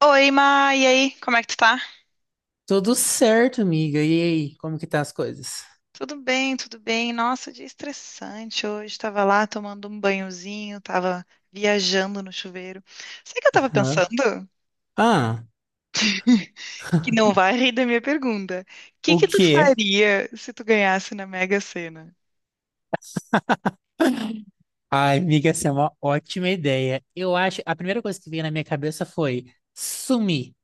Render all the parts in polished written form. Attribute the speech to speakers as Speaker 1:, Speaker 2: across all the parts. Speaker 1: Oi, Ma, e aí? Como é que tu tá?
Speaker 2: Tudo certo, amiga. E aí, como que tá as coisas?
Speaker 1: Tudo bem, tudo bem. Nossa, dia estressante hoje. Tava lá tomando um banhozinho, tava viajando no chuveiro. Sabe o que eu tava
Speaker 2: Hã?
Speaker 1: pensando?
Speaker 2: Ah,
Speaker 1: Que não vai rir da minha pergunta. O que
Speaker 2: o
Speaker 1: que tu
Speaker 2: quê?
Speaker 1: faria se tu ganhasse na Mega Sena?
Speaker 2: Ai, amiga, essa é uma ótima ideia. Eu acho, a primeira coisa que veio na minha cabeça foi sumir,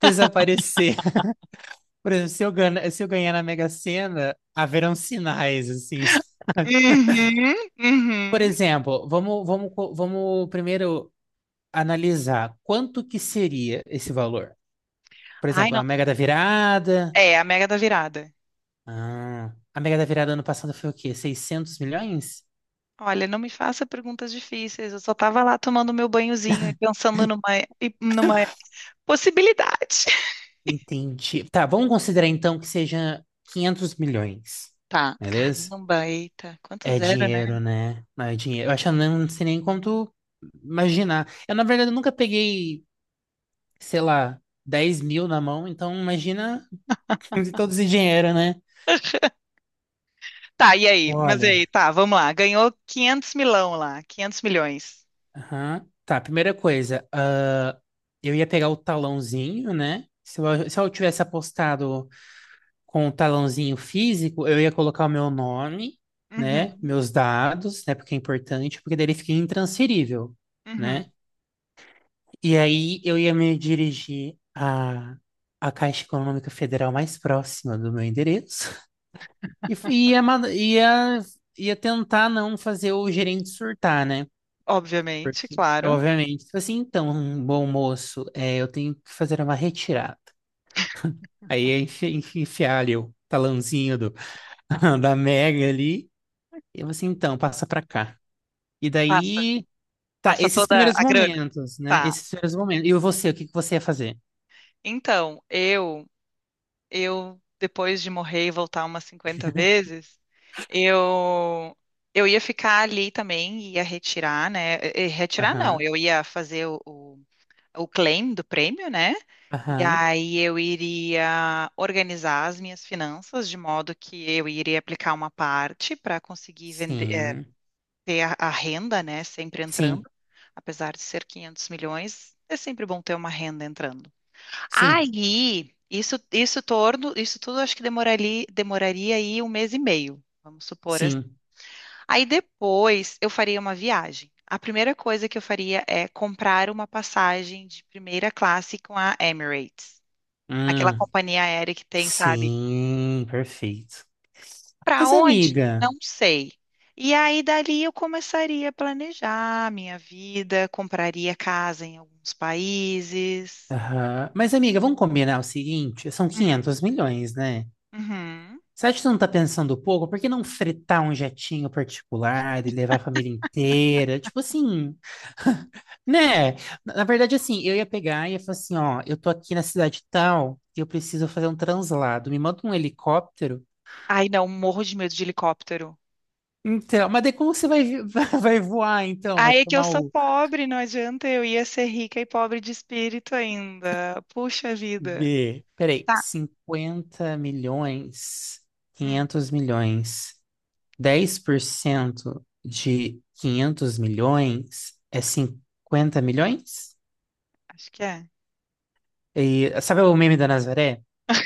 Speaker 2: desaparecer. Por exemplo, se eu ganhar na Mega Sena, haverão sinais, assim.
Speaker 1: Uhum,
Speaker 2: Por
Speaker 1: uhum.
Speaker 2: exemplo, vamos primeiro analisar quanto que seria esse valor. Por
Speaker 1: Ai,
Speaker 2: exemplo,
Speaker 1: não.
Speaker 2: a Mega da Virada.
Speaker 1: É, a Mega da Virada.
Speaker 2: Ah, a Mega da Virada ano passado foi o quê? 600 milhões?
Speaker 1: Olha, não me faça perguntas difíceis. Eu só tava lá tomando meu banhozinho e pensando numa, numa possibilidade.
Speaker 2: Entendi. Tá, vamos considerar então que seja 500 milhões,
Speaker 1: Tá,
Speaker 2: beleza?
Speaker 1: caramba, eita, quanto
Speaker 2: É
Speaker 1: zero, né?
Speaker 2: dinheiro, né? Não. É dinheiro. Eu acho que eu não sei nem quanto imaginar. Eu, na verdade, nunca peguei, sei lá, 10 mil na mão, então imagina todo esse dinheiro, né?
Speaker 1: Tá, e aí? Mas e aí,
Speaker 2: Olha.
Speaker 1: tá, vamos lá. Ganhou 500 milão lá, 500 milhões.
Speaker 2: Aham. Tá, primeira coisa, ah, eu ia pegar o talãozinho, né? Se eu tivesse apostado com o talãozinho físico, eu ia colocar o meu nome, né?
Speaker 1: Uhum,
Speaker 2: Meus dados, né? Porque é importante, porque daí ele fica intransferível,
Speaker 1: uhum.
Speaker 2: né? E aí eu ia me dirigir à, à Caixa Econômica Federal mais próxima do meu endereço e ia tentar não fazer o gerente surtar, né?
Speaker 1: Obviamente,
Speaker 2: Porque,
Speaker 1: claro.
Speaker 2: obviamente, tipo assim, então, um bom moço, é, eu tenho que fazer uma retirada. Aí ia enfiar ali o talãozinho do, da Mega ali. Eu assim, então, passa pra cá. E
Speaker 1: Passa,
Speaker 2: daí, tá,
Speaker 1: passa
Speaker 2: esses
Speaker 1: toda
Speaker 2: primeiros
Speaker 1: a grana.
Speaker 2: momentos, né?
Speaker 1: Tá.
Speaker 2: Esses primeiros momentos. E você, o que que você ia fazer?
Speaker 1: Então, eu depois de morrer e voltar umas 50 vezes, eu eu ia ficar ali também, ia retirar, né? E retirar não,
Speaker 2: Aham,
Speaker 1: eu ia fazer o claim do prêmio, né? E
Speaker 2: aham,
Speaker 1: aí eu iria organizar as minhas finanças de modo que eu iria aplicar uma parte para conseguir vender,
Speaker 2: sim,
Speaker 1: ter a renda, né, sempre
Speaker 2: sim,
Speaker 1: entrando, apesar de ser 500 milhões, é sempre bom ter uma renda entrando.
Speaker 2: sim,
Speaker 1: Aí, isso tudo acho que demoraria aí 1 mês e meio, vamos supor.
Speaker 2: sim,
Speaker 1: Aí depois eu faria uma viagem. A primeira coisa que eu faria é comprar uma passagem de primeira classe com a Emirates, aquela
Speaker 2: hum,
Speaker 1: companhia aérea que tem, sabe?
Speaker 2: sim, perfeito.
Speaker 1: Para
Speaker 2: Mas
Speaker 1: onde? Não
Speaker 2: amiga,
Speaker 1: sei. E aí dali eu começaria a planejar a minha vida, compraria casa em alguns países.
Speaker 2: aham, mas amiga, vamos combinar o seguinte, são
Speaker 1: Hum,
Speaker 2: 500 milhões, né?
Speaker 1: uhum.
Speaker 2: Você acha que você não tá pensando pouco? Por que não fretar um jetinho particular e levar a família inteira? Tipo assim, né? Na verdade, assim, eu ia pegar e ia falar assim, ó, eu tô aqui na cidade tal e eu preciso fazer um translado. Me manda um helicóptero.
Speaker 1: Ai, não, morro de medo de helicóptero.
Speaker 2: Então, mas daí como você vai, vai voar, então? Vai
Speaker 1: Aí é que eu
Speaker 2: tomar
Speaker 1: sou
Speaker 2: o
Speaker 1: pobre, não adianta, eu ia ser rica e pobre de espírito ainda. Puxa vida.
Speaker 2: B. Peraí,
Speaker 1: Tá.
Speaker 2: 50 milhões, 500 milhões, 10% de 500 milhões é 50 milhões?
Speaker 1: Acho que é.
Speaker 2: E, sabe o meme da Nazaré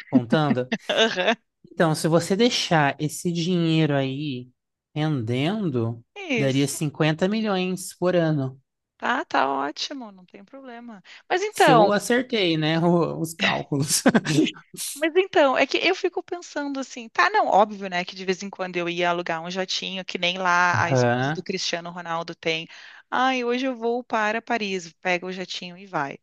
Speaker 2: contando?
Speaker 1: Aham.
Speaker 2: Então, se você deixar esse dinheiro aí rendendo, daria
Speaker 1: Isso.
Speaker 2: 50 milhões por ano.
Speaker 1: Tá, tá ótimo, não tem problema. Mas
Speaker 2: Se
Speaker 1: então,
Speaker 2: eu acertei, né, os cálculos.
Speaker 1: mas então, é que eu fico pensando assim, tá, não, óbvio, né, que de vez em quando eu ia alugar um jatinho, que nem lá a esposa do
Speaker 2: Aham.
Speaker 1: Cristiano Ronaldo tem. Ai, hoje eu vou para Paris, pega o jatinho e vai.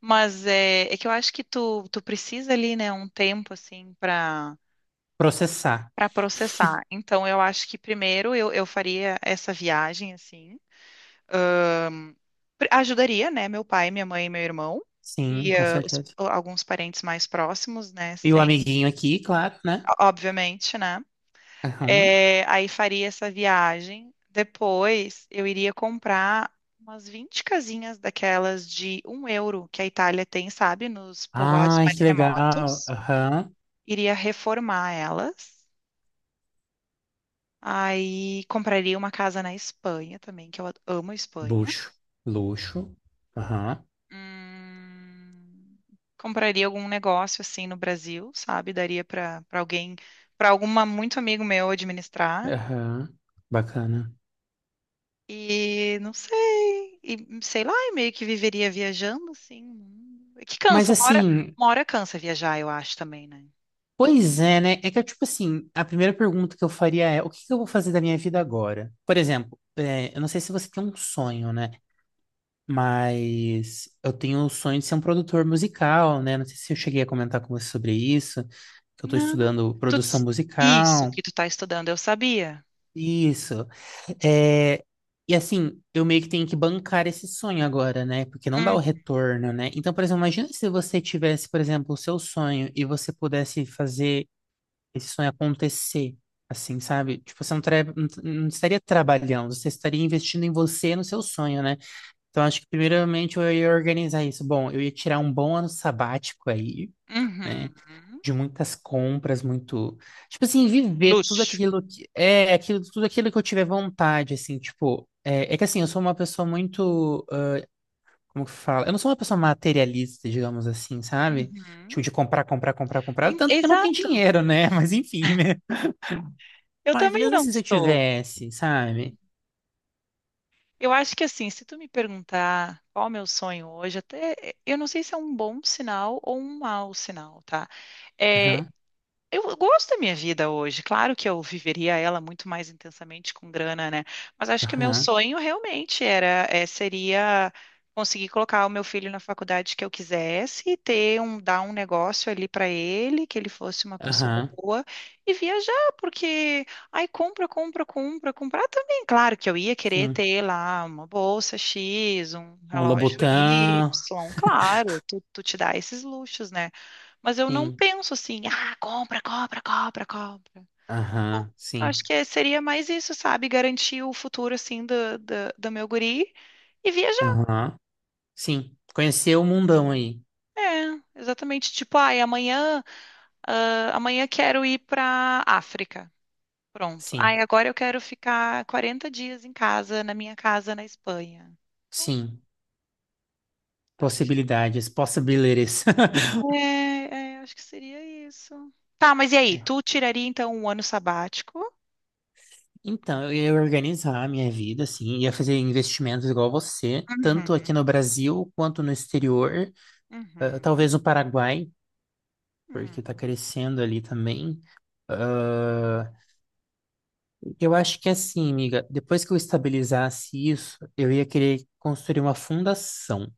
Speaker 1: Mas é, é que eu acho que tu, tu precisa ali, né, um tempo assim para
Speaker 2: Processar.
Speaker 1: para processar. Então eu acho que primeiro eu faria essa viagem assim. Ajudaria, né? Meu pai, minha mãe e meu irmão.
Speaker 2: Sim,
Speaker 1: E
Speaker 2: com
Speaker 1: os-
Speaker 2: certeza.
Speaker 1: alguns parentes mais próximos, né?
Speaker 2: E o
Speaker 1: Sem,
Speaker 2: amiguinho aqui, claro, né?
Speaker 1: obviamente, né?
Speaker 2: Aham.
Speaker 1: É, aí faria essa viagem. Depois eu iria comprar umas 20 casinhas daquelas de 1 euro que a Itália tem, sabe? Nos povoados
Speaker 2: Ai,
Speaker 1: mais
Speaker 2: que legal.
Speaker 1: remotos.
Speaker 2: Aham.
Speaker 1: Iria reformar elas. Aí compraria uma casa na Espanha também, que eu amo a Espanha.
Speaker 2: Luxo. Luxo. Aham.
Speaker 1: Hum, compraria algum negócio assim no Brasil, sabe? Daria para alguém, para alguma muito amigo meu administrar.
Speaker 2: Aham. Bacana.
Speaker 1: E não sei, e sei lá, e meio que viveria viajando assim. Hum. Que
Speaker 2: Mas
Speaker 1: cansa,
Speaker 2: assim,
Speaker 1: uma hora cansa viajar, eu acho também, né?
Speaker 2: pois é, né? É que, tipo assim, a primeira pergunta que eu faria é: o que que eu vou fazer da minha vida agora? Por exemplo, é, eu não sei se você tem um sonho, né? Mas eu tenho o sonho de ser um produtor musical, né? Não sei se eu cheguei a comentar com você sobre isso, que eu tô
Speaker 1: Não,
Speaker 2: estudando
Speaker 1: tu,
Speaker 2: produção
Speaker 1: isso
Speaker 2: musical.
Speaker 1: que tu tá estudando, eu sabia.
Speaker 2: Isso. É, e assim, eu meio que tenho que bancar esse sonho agora, né? Porque não dá o
Speaker 1: Hum,
Speaker 2: retorno, né? Então, por exemplo, imagina se você tivesse, por exemplo, o seu sonho e você pudesse fazer esse sonho acontecer, assim, sabe? Tipo, você não estaria trabalhando, você estaria investindo em você, no seu sonho, né? Então, acho que primeiramente eu ia organizar isso. Bom, eu ia tirar um bom ano sabático aí, né?
Speaker 1: uhum.
Speaker 2: De muitas compras, muito, tipo assim, viver tudo
Speaker 1: Luxo.
Speaker 2: aquilo que é aquilo, tudo aquilo que eu tiver vontade, assim, tipo, é, é que assim, eu sou uma pessoa muito, ah, como que fala? Eu não sou uma pessoa materialista, digamos assim, sabe?
Speaker 1: Uhum.
Speaker 2: Tipo, de comprar, comprar, comprar, comprar, tanto que eu não tenho
Speaker 1: Exato.
Speaker 2: dinheiro, né? Mas enfim, né?
Speaker 1: Eu
Speaker 2: Mas
Speaker 1: também
Speaker 2: mesmo
Speaker 1: não
Speaker 2: assim, se eu
Speaker 1: sou.
Speaker 2: tivesse, sabe?
Speaker 1: Eu acho que assim, se tu me perguntar qual é o meu sonho hoje, até eu não sei se é um bom sinal ou um mau sinal, tá? Eh,
Speaker 2: Aham,
Speaker 1: eu gosto da minha vida hoje. Claro que eu viveria ela muito mais intensamente com grana, né? Mas acho que o meu
Speaker 2: aham,
Speaker 1: sonho realmente era, é, seria conseguir colocar o meu filho na faculdade que eu quisesse, e ter um, dar um negócio ali para ele, que ele fosse uma pessoa
Speaker 2: aham,
Speaker 1: boa e viajar, porque ai, compra, compra, compra, comprar também. Claro que eu ia querer
Speaker 2: sim.
Speaker 1: ter lá uma bolsa X, um
Speaker 2: Um
Speaker 1: relógio Y,
Speaker 2: Lobotan,
Speaker 1: claro, tu, tu te dá esses luxos, né? Mas eu não
Speaker 2: sim.
Speaker 1: penso assim, ah, compra, compra, compra, compra.
Speaker 2: Aham,
Speaker 1: Então, acho
Speaker 2: sim.
Speaker 1: que seria mais isso, sabe? Garantir o futuro, assim, do, do, do meu guri e viajar.
Speaker 2: Aham, sim. Conhecer o mundão aí.
Speaker 1: É, exatamente. Tipo, ai, amanhã, ah, amanhã quero ir pra África. Pronto.
Speaker 2: Sim,
Speaker 1: Ai, agora eu quero ficar 40 dias em casa, na minha casa na Espanha. Então,
Speaker 2: sim.
Speaker 1: acho que,
Speaker 2: Possibilidades, possibilities.
Speaker 1: acho que seria isso. Tá, mas e aí? Tu tiraria, então, um ano sabático?
Speaker 2: Então, eu ia organizar a minha vida, assim, ia fazer investimentos igual você,
Speaker 1: Uhum,
Speaker 2: tanto aqui no Brasil quanto no exterior, ah,
Speaker 1: uhum,
Speaker 2: talvez no Paraguai, porque tá
Speaker 1: uhum.
Speaker 2: crescendo ali também. Ah, eu acho que assim, amiga, depois que eu estabilizasse isso, eu ia querer construir uma fundação,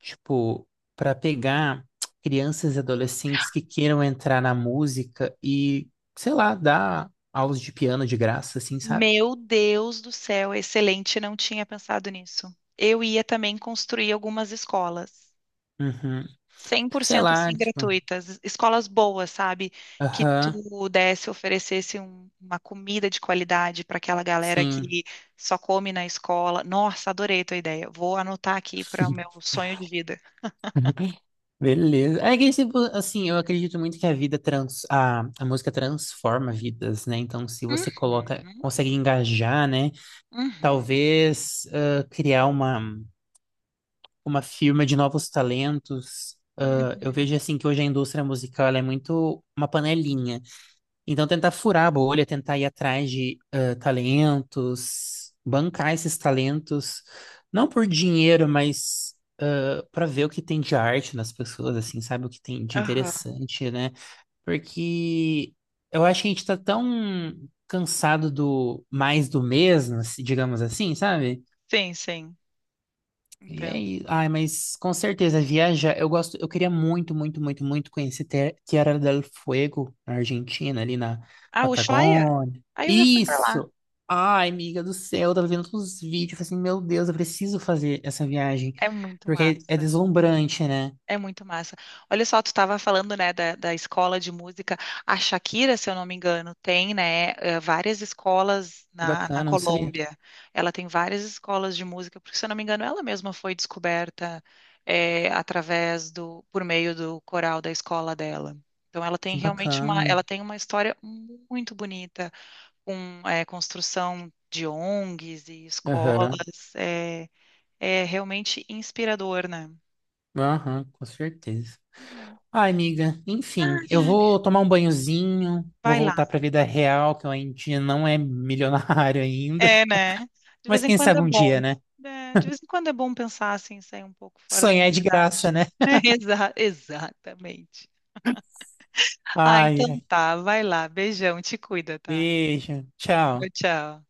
Speaker 2: tipo, para pegar crianças e adolescentes que queiram entrar na música e, sei lá, dar aulas de piano de graça, assim, sabe?
Speaker 1: Meu Deus do céu, excelente, não tinha pensado nisso. Eu ia também construir algumas escolas,
Speaker 2: Uhum.
Speaker 1: cem
Speaker 2: Tipo,
Speaker 1: por
Speaker 2: sei
Speaker 1: cento
Speaker 2: lá,
Speaker 1: assim
Speaker 2: tipo,
Speaker 1: gratuitas, escolas boas, sabe? Que
Speaker 2: aham,
Speaker 1: tu desse, oferecesse uma comida de qualidade para aquela galera
Speaker 2: sim.
Speaker 1: que só come na escola. Nossa, adorei tua ideia. Vou anotar aqui para o meu sonho de vida.
Speaker 2: Beleza. É que, tipo, assim, eu acredito muito que a música transforma vidas, né? Então, se você
Speaker 1: Uhum,
Speaker 2: coloca, consegue engajar, né?
Speaker 1: uhum,
Speaker 2: Talvez ah, criar uma firma de novos talentos. Ah, eu vejo
Speaker 1: uhum,
Speaker 2: assim que hoje a indústria musical ela é muito uma panelinha. Então tentar furar a bolha, tentar ir atrás de ah, talentos, bancar esses talentos, não por dinheiro, mas para ver o que tem de arte nas pessoas, assim, sabe? O que tem de
Speaker 1: aham.
Speaker 2: interessante, né? Porque eu acho que a gente tá tão cansado do mais do mesmo, digamos assim, sabe?
Speaker 1: Sim, sim,
Speaker 2: E é
Speaker 1: entendo.
Speaker 2: isso. Ai, mas com certeza, viajar. Eu gosto, eu queria muito, muito, muito, muito conhecer Tierra del Fuego, na Argentina, ali na
Speaker 1: Ah, Ushuaia?
Speaker 2: Patagônia.
Speaker 1: Aí eu já fui pra lá.
Speaker 2: Isso! Ai, amiga do céu, eu tava vendo todos os vídeos, eu falei assim, meu Deus, eu preciso fazer essa viagem.
Speaker 1: É muito
Speaker 2: Porque é, é
Speaker 1: massa.
Speaker 2: deslumbrante, né?
Speaker 1: É muito massa. Olha só, tu estava falando, né, da, da escola de música. A Shakira, se eu não me engano, tem, né, várias escolas
Speaker 2: Que
Speaker 1: na, na
Speaker 2: bacana, eu não sabia.
Speaker 1: Colômbia. Ela tem várias escolas de música, porque, se eu não me engano, ela mesma foi descoberta, através do, por meio do coral da escola dela. Então, ela tem
Speaker 2: Que
Speaker 1: realmente uma,
Speaker 2: bacana.
Speaker 1: ela tem uma história muito bonita, com, construção de ONGs e escolas.
Speaker 2: Aham,
Speaker 1: É, é realmente inspirador, né?
Speaker 2: aham, com certeza.
Speaker 1: Uhum.
Speaker 2: Ai, amiga, enfim, eu vou tomar um banhozinho, vou
Speaker 1: Vai lá.
Speaker 2: voltar pra vida real, que eu ainda não é milionário ainda.
Speaker 1: É, né? De
Speaker 2: Mas
Speaker 1: vez em
Speaker 2: quem
Speaker 1: quando
Speaker 2: sabe
Speaker 1: é
Speaker 2: um dia,
Speaker 1: bom.
Speaker 2: né?
Speaker 1: É, de vez em quando é bom pensar assim, sair um pouco fora da
Speaker 2: Sonhar é de
Speaker 1: realidade.
Speaker 2: graça, né?
Speaker 1: Exatamente. Ah,
Speaker 2: Ai,
Speaker 1: então
Speaker 2: ai.
Speaker 1: tá. Vai lá. Beijão. Te cuida, tá?
Speaker 2: Beijo.
Speaker 1: Tchau,
Speaker 2: Tchau.
Speaker 1: tchau.